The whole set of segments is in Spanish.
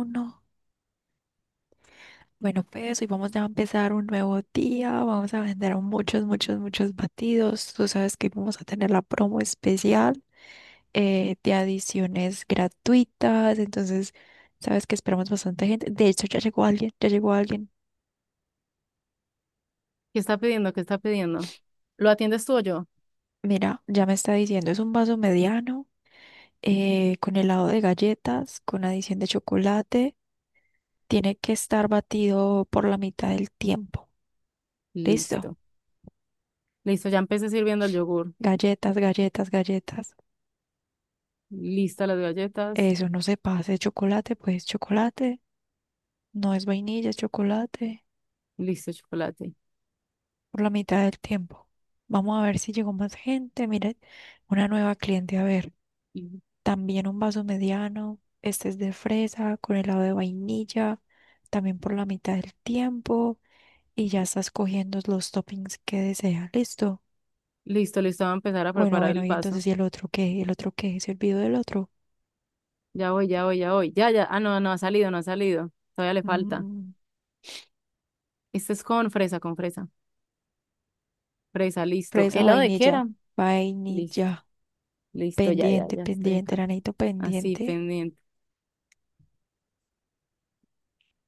Uno. Bueno, pues hoy vamos ya a empezar un nuevo día. Vamos a vender muchos, muchos, muchos batidos. Tú sabes que vamos a tener la promo especial de adiciones gratuitas. Entonces, sabes que esperamos bastante gente. De hecho, ya llegó alguien, ya llegó alguien. ¿Qué está pidiendo? ¿Qué está pidiendo? ¿Lo atiendes tú o yo? Mira, ya me está diciendo, es un vaso mediano con helado de galletas, con adición de chocolate. Tiene que estar batido por la mitad del tiempo. ¿Listo? Listo. Listo, ya empecé sirviendo el yogur. Galletas, galletas, galletas. Lista las galletas. Eso no se pase. Chocolate, pues chocolate. No es vainilla, es chocolate. Listo el chocolate. Por la mitad del tiempo. Vamos a ver si llegó más gente. Mire, una nueva cliente. A ver, Y- también un vaso mediano. Este es de fresa con helado de vainilla. También por la mitad del tiempo. Y ya estás cogiendo los toppings que desea. Listo. Listo, listo, va a empezar a Bueno, preparar bueno, el y vaso. entonces, ¿y el otro qué? ¿El otro qué? ¿Se olvidó del otro? Ya voy, ya voy, ya voy. Ya, ya. Ah, no, no ha salido, no ha salido. Todavía le falta. Mm, Este es con fresa, con fresa. Fresa, listo. Fresa, ¿Helado de qué vainilla. era? Listo, Vainilla. listo, ya, ya, Pendiente, ya estoy pendiente, acá. Ranito, Así, pendiente. pendiente.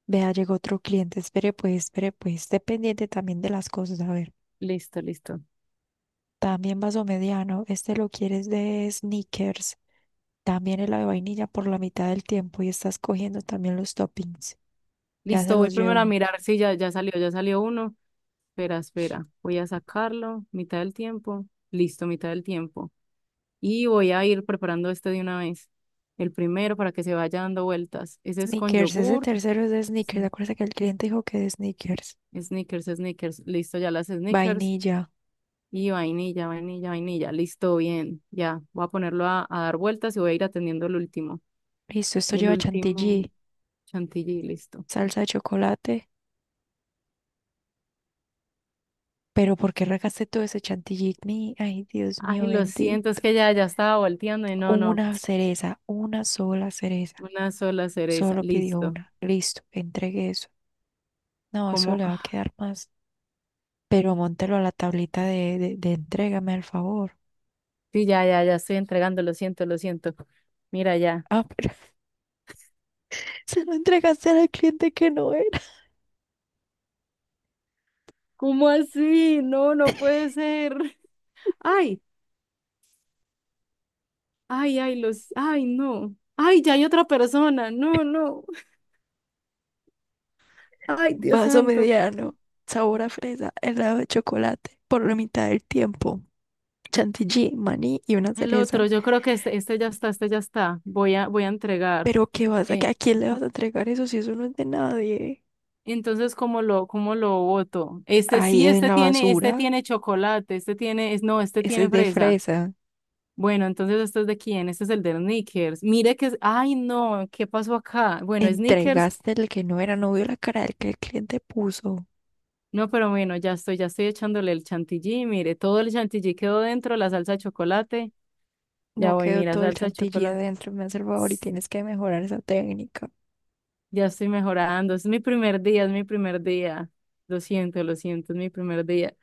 Vea, llegó otro cliente. Espere, pues, espere, pues. Esté pendiente también de las cosas. A ver, Listo, listo. también vaso mediano. Este lo quieres de sneakers. También el de vainilla por la mitad del tiempo. Y estás cogiendo también los toppings. Ya se Listo, voy los primero a llevo. mirar. Sí, ya, ya salió uno. Espera, espera. Voy a sacarlo. Mitad del tiempo. Listo, mitad del tiempo. Y voy a ir preparando este de una vez. El primero para que se vaya dando vueltas. Ese es con Sneakers, ese yogur. tercero es de sneakers. Sni- Acuérdate que el cliente dijo que de sneakers. Snickers, Snickers. Listo, ya las Snickers. Vainilla. Y vainilla, vainilla, vainilla. Listo, bien. Ya, voy a ponerlo a dar vueltas y voy a ir atendiendo el último. Listo, esto El lleva último chantilly, chantilly, listo. salsa de chocolate. Pero ¿por qué regaste todo ese chantilly? Ay, Dios Ay, mío, lo siento, es bendito. que ya, ya estaba volteando y no, no. Una cereza, una sola cereza. Una sola cereza, Solo pidió listo. una. Listo, entregue eso. No, eso ¿Cómo? le va a Ah, quedar más. Pero móntelo a la tablita de entrégame al favor. sí, ya, ya, ya estoy entregando, lo siento, lo siento. Mira ya. Ah, pero se lo entregaste al cliente que no era. ¿Cómo así? No, no puede ser. Ay, ay, ay, los, ay, no. Ay, ya hay otra persona. No, no. Ay, Dios Vaso santo. mediano, sabor a fresa, helado de chocolate, por la mitad del tiempo. Chantilly, maní y una El otro, cereza. yo creo que este ya está, este ya está. Voy a entregar. Pero qué vas Eh, ¿a quién le vas a entregar eso si eso no es de nadie? entonces, ¿cómo lo voto? Este Ahí sí, en este la tiene, este basura. tiene chocolate, este tiene, es, no, este Ese tiene es de fresa. fresa. Bueno, entonces este es de quién, este es el de Snickers. Mire que es, ay no, ¿qué pasó acá? Bueno, Snickers, Entregaste el que no era, no vio la cara del que el cliente puso. no, pero bueno, ya estoy echándole el chantilly, mire, todo el chantilly quedó dentro, la salsa de chocolate, ya No voy, quedó mira, todo el salsa de chantilly chocolate, adentro, me hace el favor y tienes que mejorar esa técnica. ya estoy mejorando, es mi primer día, es mi primer día, lo siento, es mi primer día.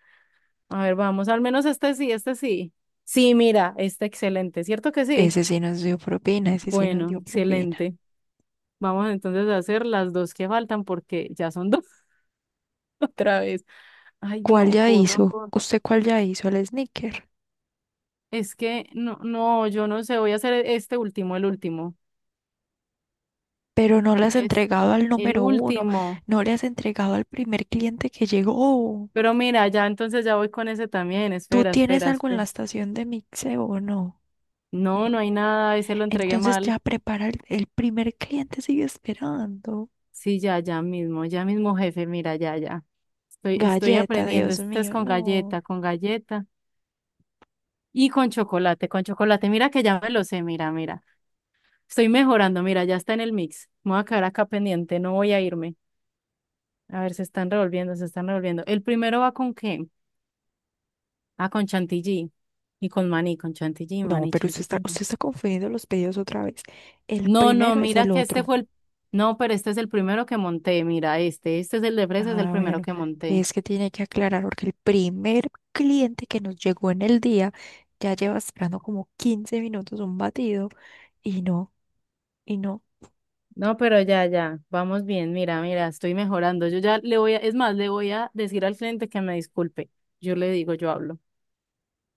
A ver, vamos, al menos este sí, este sí. Sí, mira, está excelente, ¿cierto que sí? Ese sí nos dio propina, ese sí nos Bueno, dio propina. excelente. Vamos entonces a hacer las dos que faltan porque ya son dos otra vez. Ay, ¿Cuál no, ya corro, hizo? corro. ¿Usted cuál ya hizo? El sneaker. Es que no, no, yo no sé, voy a hacer este último, el último. Pero no le has Y es entregado al el número uno, último. no le has entregado al primer cliente que llegó. Pero mira, ya entonces ya voy con ese también. ¿Tú Espera, tienes espera, algo en la espera. estación de mixeo o no? No. No, no hay nada, ese lo entregué Entonces mal. ya prepara el primer cliente, sigue esperando. Sí, ya, ya mismo, jefe, mira, ya, ya. Estoy Galleta, aprendiendo. Dios Este es mío, no. Con galleta y con chocolate, con chocolate. Mira que ya me lo sé, mira, mira. Estoy mejorando, mira, ya está en el mix. Me voy a quedar acá pendiente, no voy a irme. A ver, se están revolviendo, se están revolviendo. El primero ¿va con qué? Ah, con Chantilly. Y con maní, con Chantilly, No, maní, pero Chantilly. usted está confundiendo los pedidos otra vez. El No, no, primero es mira el que este otro. fue el... No, pero este es el primero que monté, mira, este es el de fresa, es el Ah, primero bueno, que monté. es que tiene que aclarar porque el primer cliente que nos llegó en el día ya lleva esperando como 15 minutos un batido y no, y no. No, pero ya, ya, vamos bien, mira, mira, estoy mejorando. Yo ya le voy a, es más, le voy a decir al cliente que me disculpe. Yo le digo, yo hablo.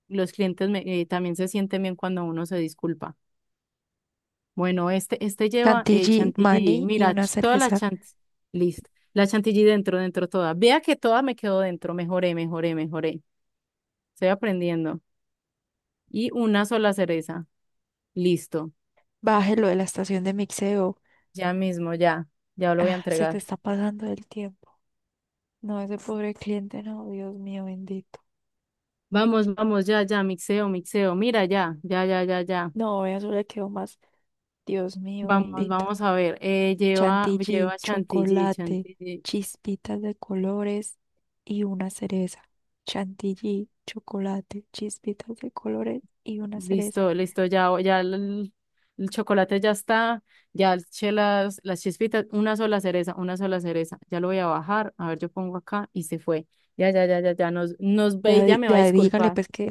Los clientes también se sienten bien cuando uno se disculpa. Bueno, este lleva Chantilly, chantilly. maní y Mira, una toda la cereza. chantilly. Listo. La chantilly dentro, dentro toda. Vea que toda me quedó dentro. Mejoré, mejoré, mejoré. Estoy aprendiendo. Y una sola cereza. Listo. Bájelo de la estación de mixeo. Ya mismo, ya. Ya lo voy a Ah, se te entregar. está pasando el tiempo. No, ese pobre cliente, no, Dios mío bendito. Vamos, vamos, ya, ya. Mixeo, mixeo. Mira, ya, ya, ya, ya, ya. No, eso le quedó más, Dios mío Vamos, bendito. vamos a ver. Lleva, Chantilly, lleva chantilly, chocolate, chantilly. chispitas de colores y una cereza. Chantilly, chocolate, chispitas de colores y una cereza. Listo, listo, ya, ya el chocolate ya está, ya eché las chispitas, una sola cereza, ya lo voy a bajar, a ver, yo pongo acá y se fue. Ya, ya, ya, ya, ya, nos ve Ya, y ya me va a ya dígale disculpar, pues que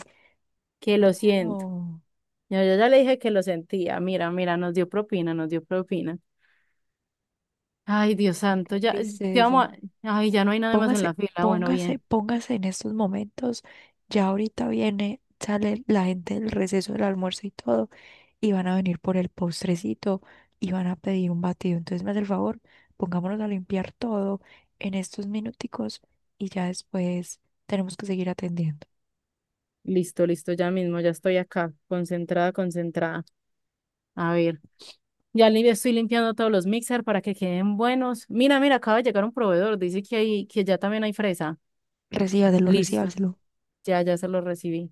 que lo ya siento. no, Ya, yo ya le dije que lo sentía, mira, mira, nos dio propina, nos dio propina. Ay, Dios no, santo, qué ya, ¿qué vamos tristeza. a-? Ay, ya no hay nada más en Póngase, la fila, bueno, póngase, bien. póngase en estos momentos. Ya ahorita viene, sale la gente del receso del almuerzo y todo. Y van a venir por el postrecito y van a pedir un batido. Entonces me hace el favor, pongámonos a limpiar todo en estos minuticos y ya después tenemos que seguir atendiendo. Listo, listo, ya mismo, ya estoy acá, concentrada, concentrada. A ver. Ya estoy limpiando todos los mixer para que queden buenos. Mira, mira, acaba de llegar un proveedor. Dice que hay, que ya también hay fresa. Recíbaselo, Listo. recíbaselo. Ya, ya se lo recibí.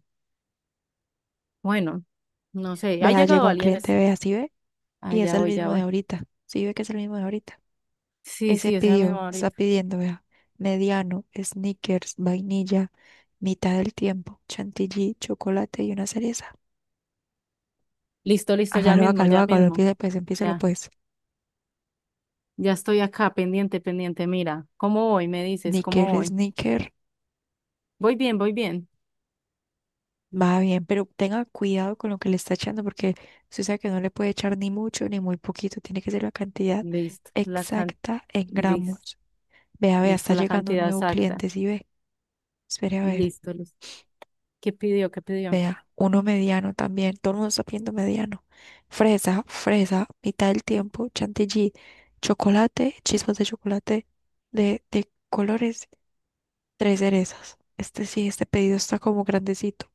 Bueno, no sé. ¿Ha Vea, llegado llegó un alguien? cliente, vea, si ve, Ah, y es ya el voy, ya mismo de voy. ahorita. Si ve que es el mismo de ahorita. Sí, Ese sí, esa pidió, misma está ahorita. pidiendo, vea, mediano, Snickers vainilla, mitad del tiempo, chantilly, chocolate y una cereza. Listo, listo, ya Hágalo, mismo, hágalo, ya hágalo, mismo. empiece pues, empiécelo Ya, pues. ya estoy acá, pendiente, pendiente. Mira, ¿cómo voy? Me dices, Snicker, ¿cómo voy? snicker. Voy bien, voy bien. Va bien, pero tenga cuidado con lo que le está echando porque usted sabe que no le puede echar ni mucho ni muy poquito, tiene que ser la cantidad Listo, la can... exacta en Listo, gramos. Vea, vea, está listo, la llegando un cantidad nuevo exacta. cliente, sí ve. Espere a ver, Listo, listo. ¿Qué pidió? ¿Qué pidió? vea, uno mediano también, todo el mundo está pidiendo mediano. Fresa, fresa, mitad del tiempo, chantilly, chocolate, chispas de chocolate de colores, tres cerezas. Este sí, este pedido está como grandecito.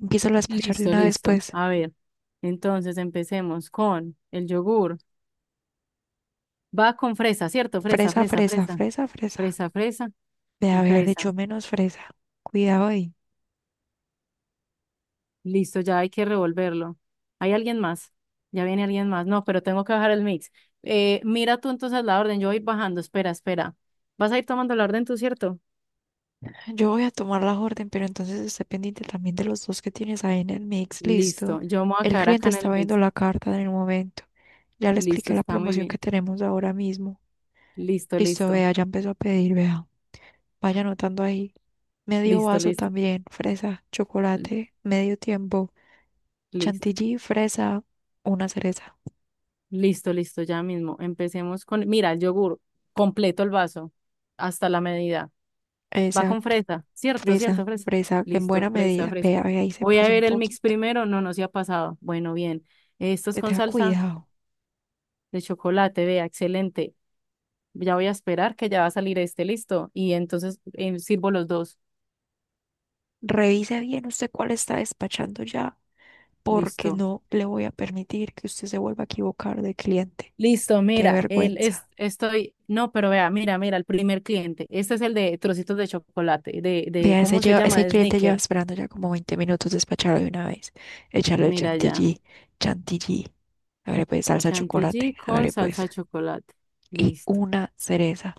Empiezo a despachar de Listo, una vez, listo. pues. A ver, entonces empecemos con el yogur. Va con fresa, ¿cierto? Fresa, Fresa, fresa, fresa, fresa. fresa, fresa. Fresa, fresa De y haberle fresa. hecho menos fresa. Cuidado ahí. Listo, ya hay que revolverlo. ¿Hay alguien más? Ya viene alguien más. No, pero tengo que bajar el mix. Mira tú entonces la orden. Yo voy bajando. Espera, espera. Vas a ir tomando la orden tú, ¿cierto? Yo voy a tomar la orden, pero entonces esté pendiente también de los dos que tienes ahí en el mix. Listo. Listo. Yo me voy a El quedar acá cliente en está el viendo mix. la carta en el momento. Ya le Listo, expliqué la está muy promoción que bien. tenemos ahora mismo. Listo, Listo, listo. vea, ya empezó a pedir, vea. Vaya anotando ahí. Medio Listo, vaso listo. también, fresa, chocolate, medio tiempo, Listo. chantilly, fresa, una cereza. Listo, listo, ya mismo. Empecemos con, mira, el yogur, completo el vaso, hasta la medida. Va con Exacto, fresa, ¿cierto? ¿Cierto? fresa, Fresa. fresa, en Listo, buena fresa, medida. fresa. Vea, vea, ahí se Voy a pasa un ver el mix poquito. primero, no, no se ha pasado. Bueno, bien. Esto es Te con tenga salsa cuidado. de chocolate, vea, excelente. Ya voy a esperar que ya va a salir este, listo. Y entonces sirvo los dos, Revise bien usted cuál está despachando ya, porque listo. no le voy a permitir que usted se vuelva a equivocar de cliente. Listo, Qué mira, vergüenza. No, pero vea, mira, mira, el primer cliente. Este es el de trocitos de chocolate, Vea, ese, ¿cómo se lleva- llama? ese De cliente lleva Snickers. esperando ya como 20 minutos despacharlo de una vez. Echarle el Mira ya. chantilly, chantilly. Hágale pues salsa de chocolate, Chantilly con hágale salsa pues. de chocolate. Y Listo. una cereza.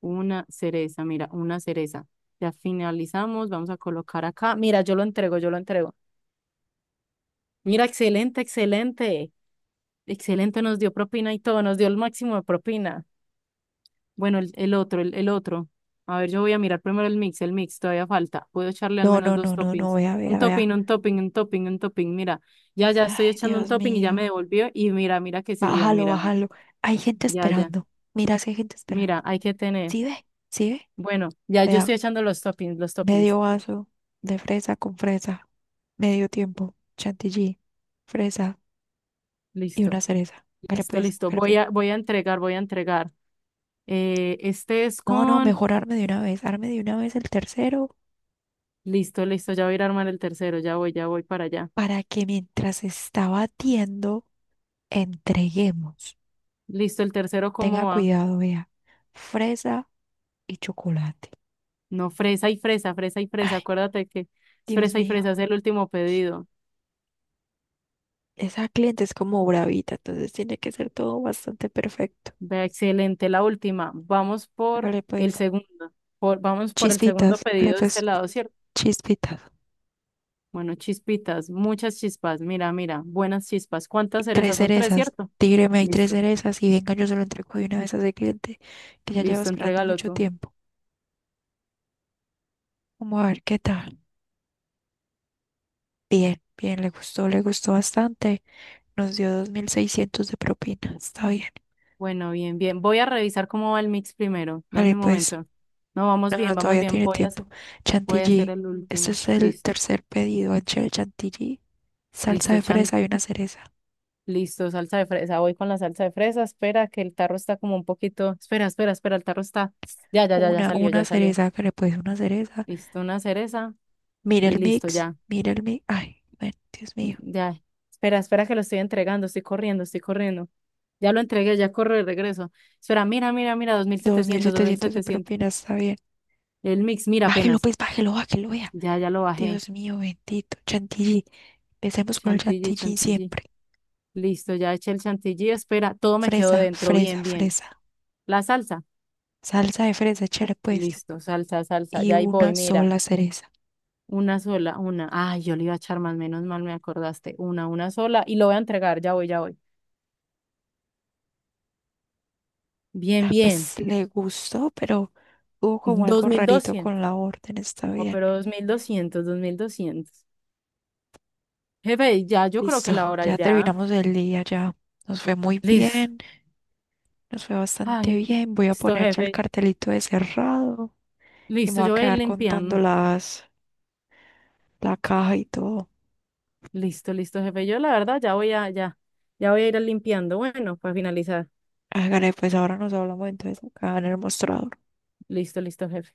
Una cereza, mira, una cereza. Ya finalizamos, vamos a colocar acá. Mira, yo lo entrego, yo lo entrego. Mira, excelente, excelente. Excelente, nos dio propina y todo, nos dio el máximo de propina. Bueno, el otro, el otro. A ver, yo voy a mirar primero el mix, todavía falta. Puedo echarle al No, menos no, dos no, no, no, toppings. vea, Un vea, vea. topping, un topping, un topping, un topping. Mira, ya, ya estoy Ay, echando un Dios topping y ya me mío. devolvió. Y mira, mira que sí dio, Bájalo, mira, mira. bájalo. Hay gente Ya, ya. esperando. Mira si hay gente esperando. Mira, hay que tener. ¿Sí ve? ¿Sí ve? Bueno, ya yo estoy Vea, echando los toppings, los toppings. medio vaso de fresa con fresa, medio tiempo, chantilly, fresa y una Listo, cereza. Hágale listo, pues, listo. hágale Voy pues. a, voy a entregar, voy a entregar. Este es No, no, con... mejor arme de una vez, arme de una vez el tercero Listo, listo, ya voy a ir a armar el tercero, ya voy para allá. para que mientras está batiendo, entreguemos. Listo, el tercero, Tenga ¿cómo va? cuidado, vea, fresa y chocolate. No, fresa y fresa, fresa y fresa. Ay, Acuérdate que es Dios fresa y mío, fresa, es el último pedido. esa cliente es como bravita, entonces tiene que ser todo bastante perfecto. Vea, excelente, la última. Vamos por Hágale el pues, segundo, vamos por el segundo chispitas, hágale pedido de pues, este lado, ¿cierto? chispitas. Bueno, chispitas, muchas chispas. Mira, mira, buenas chispas. ¿Cuántas Tres cerezas? Son tres, cerezas. ¿cierto? Tigre, me hay tres Listo. cerezas y venga, yo se lo entrego de una vez a ese cliente que ya lleva Listo, esperando entrégalo mucho tú. tiempo. Vamos a ver qué tal. Bien, bien, le gustó bastante. Nos dio 2.600 de propina. Está bien. Bueno, bien, bien. Voy a revisar cómo va el mix primero. Dame Vale, un pues, momento. No, vamos no, bien, no, vamos todavía bien. tiene Voy a tiempo. hacer, voy a hacer Chantilly. el Este último. es el Listo, tercer pedido. Anchel chantilly, salsa listo, de chan. fresa y una cereza. Listo, salsa de fresa. Voy con la salsa de fresa. Espera, que el tarro está como un poquito. Espera, espera, espera, el tarro está. Ya, ya, ya, ya Una, salió, una ya salió. cereza, que le puedes una cereza. Listo, una cereza Mira y el listo, mix, ya. mira el mix. Ay, bueno, Dios Mm, mío. ya. Espera, espera, que lo estoy entregando. Estoy corriendo, estoy corriendo. Ya lo entregué, ya corro de regreso. Espera, mira, mira, mira, dos dos mil dos mil setecientos dos mil setecientos de setecientos propina, está bien. El mix, mira Bájelo, apenas. pues, bájelo, bájelo, vea. Ya, ya lo bajé. Dios mío, bendito. Chantilly. Empecemos con el Chantilly, chantilly chantilly. siempre. Listo, ya eché el chantilly. Espera, todo me quedó Fresa, dentro. fresa, Bien, bien. fresa. La salsa. Salsa de fresa, échale pues. Listo, salsa, salsa. Y Ya ahí voy, una mira. sola cereza. Una sola, una. Ay, yo le iba a echar más, menos mal me acordaste. Una sola. Y lo voy a entregar, ya voy, ya voy. Bien, Ah, bien. pues le gustó, pero hubo como dos algo mil rarito doscientos con la orden, está No, bien. pero dos mil doscientos, 2.200. Jefe, ya, yo creo Listo, que la hora ya ya. terminamos el día, ya. Nos fue muy Listo. bien, nos fue bastante Ay, bien. Voy a listo, poner ya el jefe. cartelito de cerrado y me Listo, voy a yo voy a ir quedar contando limpiando. la caja y todo. Listo, listo, jefe. Yo la verdad ya voy a ir limpiando. Bueno, para finalizar. Hágale, pues ahora nos hablamos entonces acá en el mostrado. Listo, listo, jefe.